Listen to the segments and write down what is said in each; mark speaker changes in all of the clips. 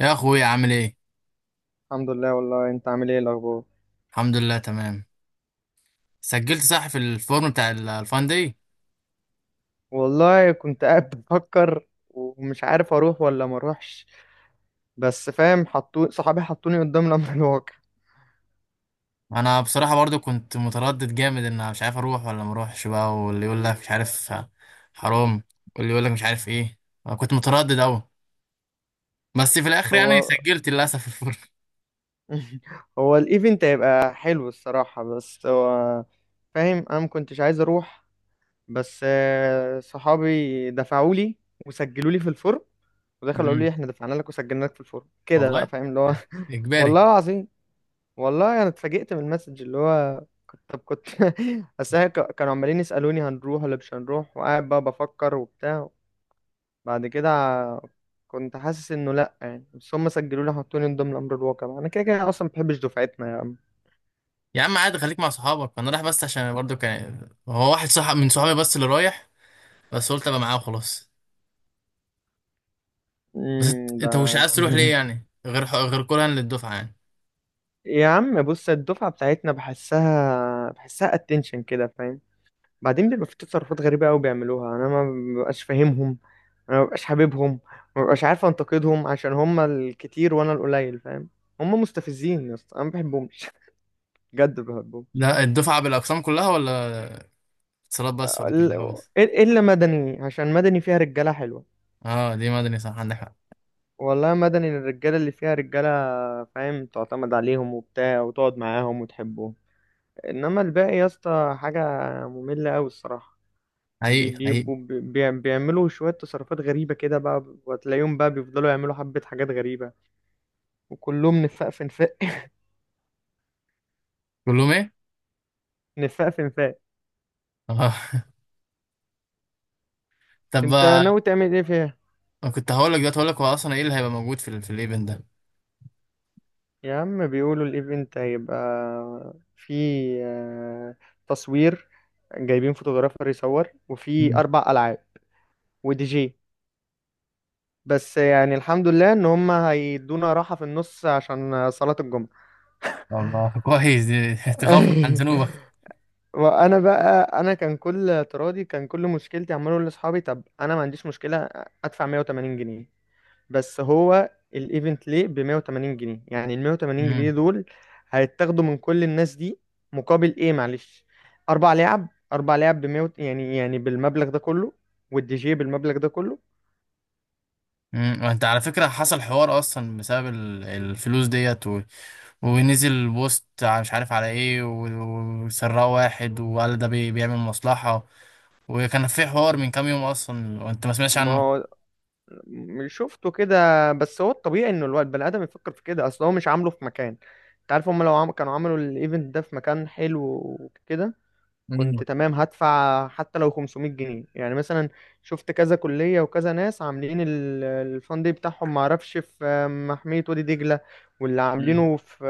Speaker 1: يا اخويا عامل ايه؟
Speaker 2: الحمد لله، والله انت عامل ايه الاخبار؟
Speaker 1: الحمد لله تمام. سجلت صح في الفورم بتاع الفان دي.
Speaker 2: والله كنت قاعد بفكر ومش عارف اروح ولا ما اروحش. بس فاهم، صحابي حطوني قدام الامر الواقع.
Speaker 1: انا بصراحه برضو كنت متردد جامد ان أنا مش عارف اروح ولا ما اروحش بقى. واللي يقول لك مش عارف حرام. واللي يقول لك مش عارف ايه. انا كنت متردد قوي. بس في الاخر يعني
Speaker 2: هو
Speaker 1: سجلت للاسف في الفورم.
Speaker 2: هو الايفنت هيبقى حلو الصراحة، بس هو فاهم انا ما كنتش عايز اروح. بس صحابي دفعوا لي وسجلوا لي في الفورم، ودخلوا قالوا لي
Speaker 1: أمم.
Speaker 2: احنا دفعنا لك وسجلنا لك في الفورم كده بقى
Speaker 1: والله
Speaker 2: فاهم اللي هو
Speaker 1: اجباري.
Speaker 2: والله العظيم، والله انا اتفاجئت من المسج، اللي هو كنت بس هي كانوا عمالين يسالوني هنروح ولا مش هنروح، وقاعد بقى بفكر وبتاع. بعد كده ع- كنت حاسس انه لا يعني، بس هم سجلوا لي حطوني من ضمن امر الواقع، انا كده كده اصلا ما بحبش دفعتنا يا عم.
Speaker 1: يا عم عادي خليك مع صحابك، انا رايح بس عشان برضو كان هو واحد صاحب من صحابي بس اللي رايح. بس قلت ابقى معاه وخلاص. بس انت
Speaker 2: ده
Speaker 1: أنت مش عايز تروح ليه يعني، غير كرها للدفعه يعني.
Speaker 2: يا عم بص، الدفعه بتاعتنا بحسها اتنشن كده فاهم. بعدين بيبقى في تصرفات غريبة قوي بيعملوها، انا ما ببقاش فاهمهم، انا ما ببقاش حاببهم، ما ببقاش عارف انتقدهم عشان هم الكتير وانا القليل فاهم. هم مستفزين يا اسطى، انا ما بحبهمش بجد ما بحبهمش.
Speaker 1: ده الدفعة بالأقسام كلها، ولا اتصالات بس، ولا
Speaker 2: ال-
Speaker 1: كهرباء بس؟
Speaker 2: الا مدني، عشان مدني فيها رجالة حلوة.
Speaker 1: اه، دي مدني، صح عندك حق.
Speaker 2: والله مدني الرجالة اللي فيها رجالة، فاهم تعتمد عليهم وبتاع وتقعد معاهم وتحبهم. انما الباقي يا اسطى حاجة مملة قوي الصراحة.
Speaker 1: حقيقي حقيقي.
Speaker 2: بيعملوا شوية تصرفات غريبة كده بقى، وتلاقيهم بقى بيفضلوا يعملوا حبة حاجات غريبة، وكلهم نفاق في نفاق
Speaker 1: كلهم ايه؟
Speaker 2: نفاق في نفاق.
Speaker 1: اه. طب
Speaker 2: انت ناوي تعمل ايه فيها؟
Speaker 1: أنا كنت هقول لك دلوقتي، هقول لك هو أصلا ايه اللي هيبقى موجود في في الايفنت ده؟
Speaker 2: يا عم بيقولوا الايفنت هيبقى في، آه، تصوير، جايبين فوتوغرافر يصور، وفي
Speaker 1: مم.
Speaker 2: أربع ألعاب، ودي جي. بس يعني الحمد لله ان هم هيدونا راحة في النص عشان صلاة الجمعة.
Speaker 1: الله، كويس دي، تخفف عن ذنوبك.
Speaker 2: وانا بقى، انا كان كل اعتراضي، كان كل مشكلتي عمال اقول لاصحابي طب انا ما عنديش مشكله ادفع 180 جنيه، بس هو الايفنت ليه ب 180 جنيه؟ يعني ال 180 جنيه
Speaker 1: امم
Speaker 2: دول هيتاخدوا من كل الناس دي مقابل ايه؟ معلش، اربع لعب، اربع لعب ب 100، يعني بالمبلغ ده كله، والدي جي بالمبلغ ده كله.
Speaker 1: وانت على فكرة حصل حوار أصلا بسبب الفلوس ديت، ونزل بوست، مش عارف على ايه، وسرقه واحد وقال ده بيعمل مصلحة، وكان في حوار من كام يوم أصلا وانت ما سمعتش
Speaker 2: ما
Speaker 1: عنه.
Speaker 2: هو شفته كده، بس هو الطبيعي انه الواد البني ادم يفكر في كده، اصل هو مش عامله في مكان. انت عارف، كانوا عملوا الايفنت ده في مكان حلو وكده، كنت تمام هدفع حتى لو 500 جنيه يعني مثلا. شفت كذا كلية وكذا ناس عاملين الفان دي بتاعهم، معرفش في محمية وادي دجلة، واللي
Speaker 1: مم.
Speaker 2: عاملينه في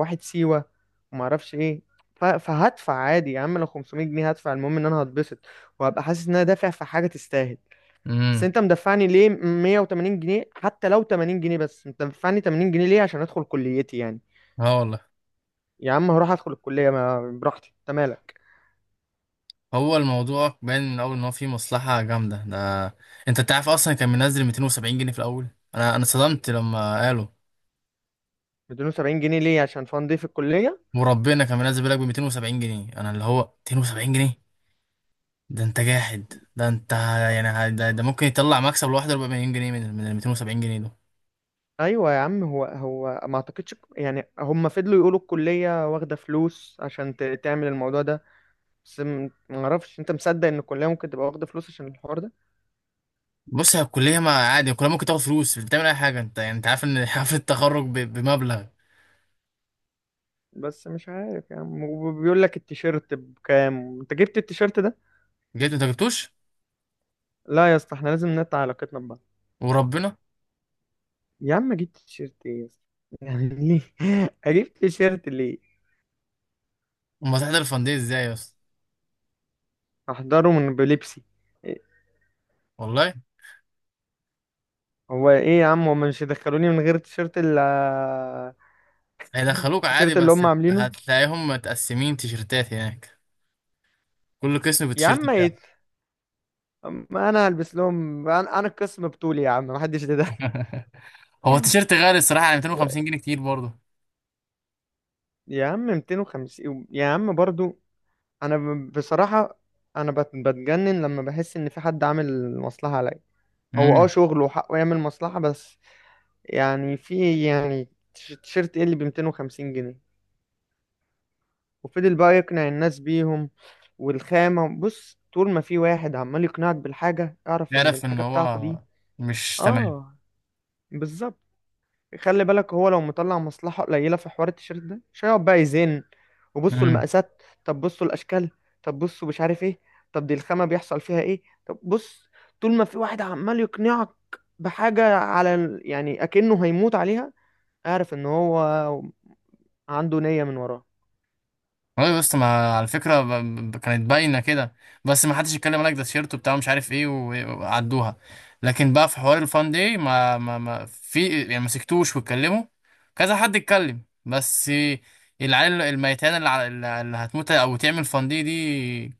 Speaker 2: واحد سيوة، ومعرفش ايه. فهدفع عادي يا عم لو 500 جنيه هدفع، المهم ان انا هتبسط وهبقى حاسس ان انا دافع في حاجة تستاهل. بس
Speaker 1: امم.
Speaker 2: انت مدفعني ليه 180 جنيه؟ حتى لو 80 جنيه، بس انت مدفعني 80 جنيه ليه عشان ادخل كليتي يعني؟
Speaker 1: اه والله.
Speaker 2: يا عم هروح ادخل الكلية ما براحتي، انت مالك.
Speaker 1: هو الموضوع باين من الاول ان هو فيه مصلحه جامده ده. انت تعرف اصلا كان منزل 270 جنيه في الاول. انا صدمت لما قالوا.
Speaker 2: 270 جنيه ليه عشان فان دي في الكلية؟
Speaker 1: وربنا كان منزل بالك ب 270 جنيه، انا اللي هو 270 جنيه، ده انت جاحد ده انت. يعني ده ممكن يطلع مكسب لوحده 4 مليون جنيه من ال 270 جنيه دول.
Speaker 2: ايوه يا عم، هو ما اعتقدش، يعني هم فضلوا يقولوا الكلية واخدة فلوس عشان تعمل الموضوع ده. بس ما اعرفش، انت مصدق ان الكلية ممكن تبقى واخدة فلوس عشان الحوار ده؟
Speaker 1: بص، هي الكليه ما عادي، الكليه ممكن تاخد فلوس، مش بتعمل اي حاجه انت؟ يعني انت عارف ان حفله التخرج بمبلغ.
Speaker 2: بس مش عارف يا عم، وبيقول لك التيشيرت بكام، انت جبت التيشيرت ده؟
Speaker 1: جبت انت جبتوش؟
Speaker 2: لا يا اسطى، احنا لازم نقطع علاقتنا ببعض.
Speaker 1: وربنا.
Speaker 2: يا عم جبت تيشيرت ايه يا اسطى؟ يعني ليه اجيب تيشيرت ليه؟
Speaker 1: امال هتحضر الفندق ازاي يا اسطى؟
Speaker 2: احضره من بلبسي. إيه-
Speaker 1: والله.
Speaker 2: هو ايه يا عم، هم مش يدخلوني من غير التيشيرت اللي،
Speaker 1: هيدخلوك عادي،
Speaker 2: التيشيرت اللي
Speaker 1: بس
Speaker 2: هم عاملينه؟
Speaker 1: هتلاقيهم متقسمين تيشرتات هناك، كل قسم
Speaker 2: يا
Speaker 1: بالتيشيرت
Speaker 2: عم
Speaker 1: بتاعه.
Speaker 2: ايه؟ ما انا هلبس لهم، انا القسم بطولي يا عم، محدش ده.
Speaker 1: هو التيشيرت غالي الصراحة يعني، 250 جنيه كتير برضه.
Speaker 2: يا عم 250 يا عم برضو. بصراحة، انا بتجنن لما بحس ان في حد عامل مصلحة عليا. هو
Speaker 1: امم.
Speaker 2: شغله وحقه يعمل مصلحة، بس يعني في، يعني تيشيرت ايه اللي ب 250 جنيه؟ وفضل بقى يقنع الناس بيهم. والخامة بص، طول ما في واحد عمال يقنعك بالحاجة، اعرف ان
Speaker 1: تعرف ان
Speaker 2: الحاجة بتاعته
Speaker 1: هو
Speaker 2: دي،
Speaker 1: مش تمام.
Speaker 2: اه، بالظبط. خلي بالك، هو لو مطلع مصلحة قليلة في حوار التيشيرت ده مش هيقعد بقى يزن وبصوا
Speaker 1: امم.
Speaker 2: المقاسات، طب بصوا الأشكال، طب بصوا مش عارف ايه، طب دي الخامة بيحصل فيها ايه، طب بص، طول ما في واحد عمال يقنعك بحاجة على يعني أكنه هيموت عليها، اعرف ان هو عنده نية من وراه.
Speaker 1: والله بس ما على فكرة كانت باينة كده. بس ما حدش يتكلم، لك ده تيشيرته بتاع مش عارف ايه وعدوها. لكن بقى في حوار الفان دي ما في يعني، ما سكتوش واتكلموا. كذا حد اتكلم، بس العيال الميتان اللي هتموت او تعمل فان دي،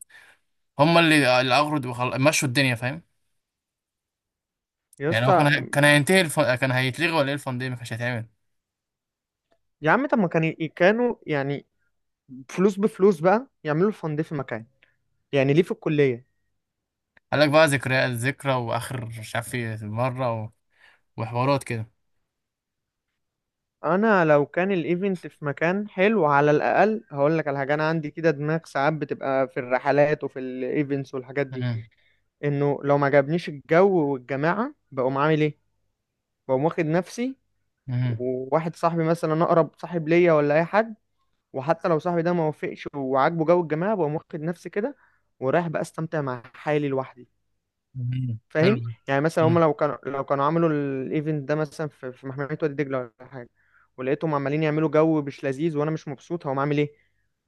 Speaker 1: هم اللي اغرض مشوا الدنيا فاهم.
Speaker 2: يا
Speaker 1: يعني هو كان هي...
Speaker 2: اسطى،
Speaker 1: كان هينتهي الف... كان هيتلغي ولا ايه؟ الفان دي ما كانش هيتعمل.
Speaker 2: يا عم طب ما كان كانوا يعني فلوس بفلوس بقى يعملوا فند في مكان، يعني ليه في الكلية؟
Speaker 1: قال لك بقى ذكرى الذكرى واخر مش عارف ايه مره وحوارات كده.
Speaker 2: انا لو كان الايفنت في مكان حلو، على الاقل هقول لك على حاجه. انا عندي كده دماغ ساعات بتبقى في الرحلات وفي الايفنتس والحاجات دي،
Speaker 1: مم.
Speaker 2: انه لو ما عجبنيش الجو والجماعه بقوم عامل ايه؟ بقوم واخد نفسي،
Speaker 1: مم.
Speaker 2: وواحد صاحبي مثلا اقرب صاحب ليا ولا اي حد، وحتى لو صاحبي ده ما وافقش وعاجبه جو الجماعه، بقوم واخد نفسي كده ورايح بقى استمتع مع حالي لوحدي.
Speaker 1: مم. حلو.
Speaker 2: فاهم؟ يعني مثلا هم
Speaker 1: مم.
Speaker 2: لو كانوا، عملوا الايفنت ده مثلا في محمية وادي دجلة ولا حاجة، ولقيتهم عمالين يعملوا جو مش لذيذ وانا مش مبسوط، هقوم عامل ايه؟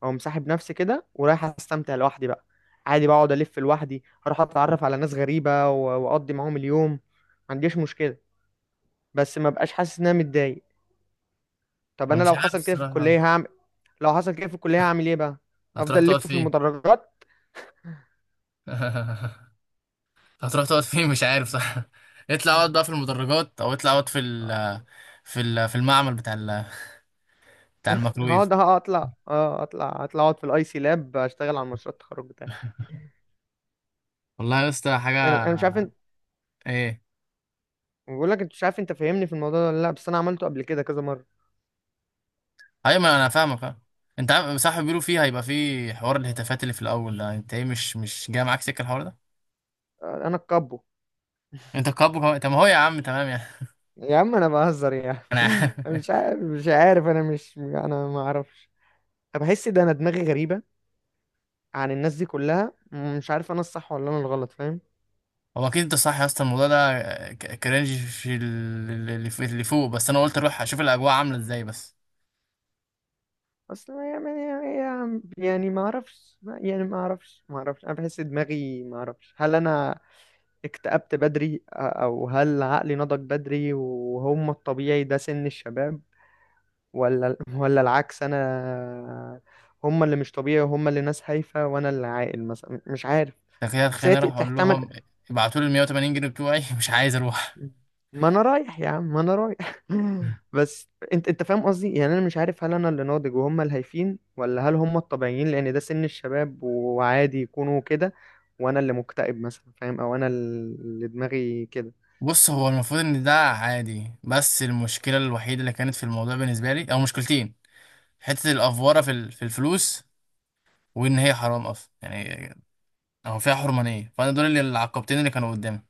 Speaker 2: او مسحب نفسي كده ورايح استمتع لوحدي بقى، عادي بقعد الف لوحدي اروح اتعرف على ناس غريبة واقضي معاهم اليوم ما عنديش مشكلة، بس ما بقاش حاسس ان انا متضايق. طب
Speaker 1: انا
Speaker 2: انا
Speaker 1: مش
Speaker 2: لو
Speaker 1: عارف
Speaker 2: حصل كده في
Speaker 1: الصراحه.
Speaker 2: الكلية هعمل، لو حصل كده في الكلية هعمل ايه بقى؟
Speaker 1: هتروح
Speaker 2: افضل
Speaker 1: تقعد
Speaker 2: الف في
Speaker 1: فين؟
Speaker 2: المدرجات،
Speaker 1: هتروح تقعد فين؟ مش عارف صح. اطلع اقعد بقى في المدرجات، او اطلع اقعد في المعمل بتاع الميكروويف.
Speaker 2: هقعد اطلع اقعد في الاي سي لاب، اشتغل على مشروع التخرج بتاعي.
Speaker 1: والله يا اسطى
Speaker 2: انا
Speaker 1: حاجه.
Speaker 2: مش عارف، انت،
Speaker 1: ايه؟
Speaker 2: بقول لك انت مش عارف، انت فاهمني في الموضوع ده ولا لا؟ بس انا عملته قبل كده كذا مره.
Speaker 1: ايوه ما انا فاهمك اه. انت عارف، صح، بيقولوا فيه هيبقى فيه حوار الهتافات اللي في الاول ده، انت ايه مش جاي معاك سكه الحوار ده؟
Speaker 2: انا الكابو.
Speaker 1: انت كابو طب ما هو يا عم تمام يعني.
Speaker 2: يا عم انا بهزر يا عم
Speaker 1: انا عارف.
Speaker 2: أنا مش عارف، انا ما اعرفش. أنا بحس ده انا دماغي غريبه عن الناس دي كلها، مش عارف انا الصح ولا انا الغلط فاهم.
Speaker 1: هو اكيد انت صح يا اسطى، الموضوع ده كرنج في اللي اللي فوق، بس انا قلت اروح اشوف الاجواء عامله ازاي بس.
Speaker 2: اصل يعني ما اعرفش، انا بحس دماغي، ما اعرفش هل انا اكتئبت بدري، او هل عقلي نضج بدري وهم الطبيعي ده سن الشباب، ولا العكس؟ انا هم اللي مش طبيعي، وهم اللي ناس هايفة، وانا اللي عاقل مثلا، مش عارف.
Speaker 1: تخيل
Speaker 2: بس هي
Speaker 1: خليني اروح اقول
Speaker 2: تحتمل.
Speaker 1: لهم ابعتوا لي ال 180 جنيه بتوعي. مش عايز اروح.
Speaker 2: ما انا رايح يا عم، ما انا رايح بس انت فاهم قصدي، يعني انا مش عارف هل انا اللي ناضج وهم الهايفين، ولا هل هم الطبيعيين لان ده سن الشباب وعادي يكونوا كده، وانا اللي مكتئب مثلا فاهم، او انا اللي دماغي كده.
Speaker 1: بص، هو المفروض ان ده عادي، بس المشكله الوحيده اللي كانت في الموضوع بالنسبه لي، او مشكلتين، حته الافوره في في الفلوس، وان هي حرام اصلا يعني، أو فيها حرمانية، فأنا دول اللي العقبتين اللي كانوا قدامي.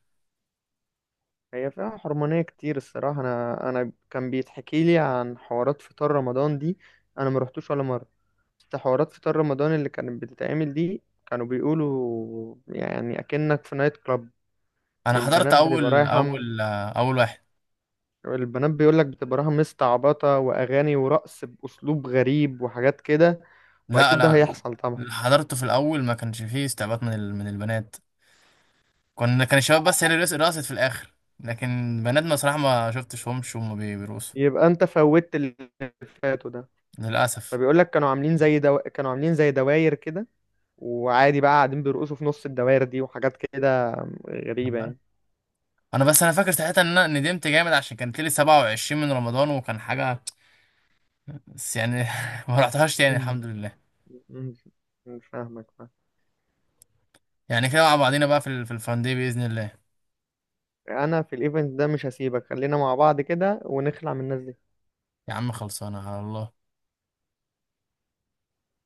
Speaker 2: هي فيها حرمانية كتير الصراحة، انا كان بيتحكي لي عن حوارات فطار رمضان دي، انا ما رحتوش ولا مرة، بس حوارات فطار رمضان اللي كانت بتتعمل دي كانوا بيقولوا يعني أكنك في نايت كلاب.
Speaker 1: أنا حضرت
Speaker 2: البنات بتبقى
Speaker 1: أول
Speaker 2: رايحة،
Speaker 1: أول آه، أول واحد.
Speaker 2: البنات بيقولك بتبقى رايحة مستعبطة، وأغاني ورقص بأسلوب غريب وحاجات كده،
Speaker 1: لا
Speaker 2: وأكيد ده
Speaker 1: لا.
Speaker 2: هيحصل طبعا.
Speaker 1: اللي حضرته في الأول ما كانش فيه استعباط من من البنات. كان الشباب بس، هي اللي رقصت في الآخر. لكن بنات ما صراحة ما شفتش وهم بيرقصوا.
Speaker 2: يبقى أنت فوتت اللي فاتوا ده،
Speaker 1: للأسف.
Speaker 2: فبيقولك كانوا عاملين زي كانوا عاملين زي دواير كده، وعادي بقى قاعدين بيرقصوا في نص الدواير دي وحاجات كده غريبة
Speaker 1: والله.
Speaker 2: يعني.
Speaker 1: بس أنا فاكر ساعتها إن أنا ندمت جامد، عشان كانت لي 27 من رمضان وكان حاجة بس يعني. ما رحتهاش تاني الحمد لله.
Speaker 2: مش فاهمك.
Speaker 1: يعني كده مع بعضينا بقى في الفان دي بإذن الله.
Speaker 2: انا في الايفنت ده مش هسيبك، خلينا مع بعض كده ونخلع من الناس دي.
Speaker 1: يا عم خلصانة على الله.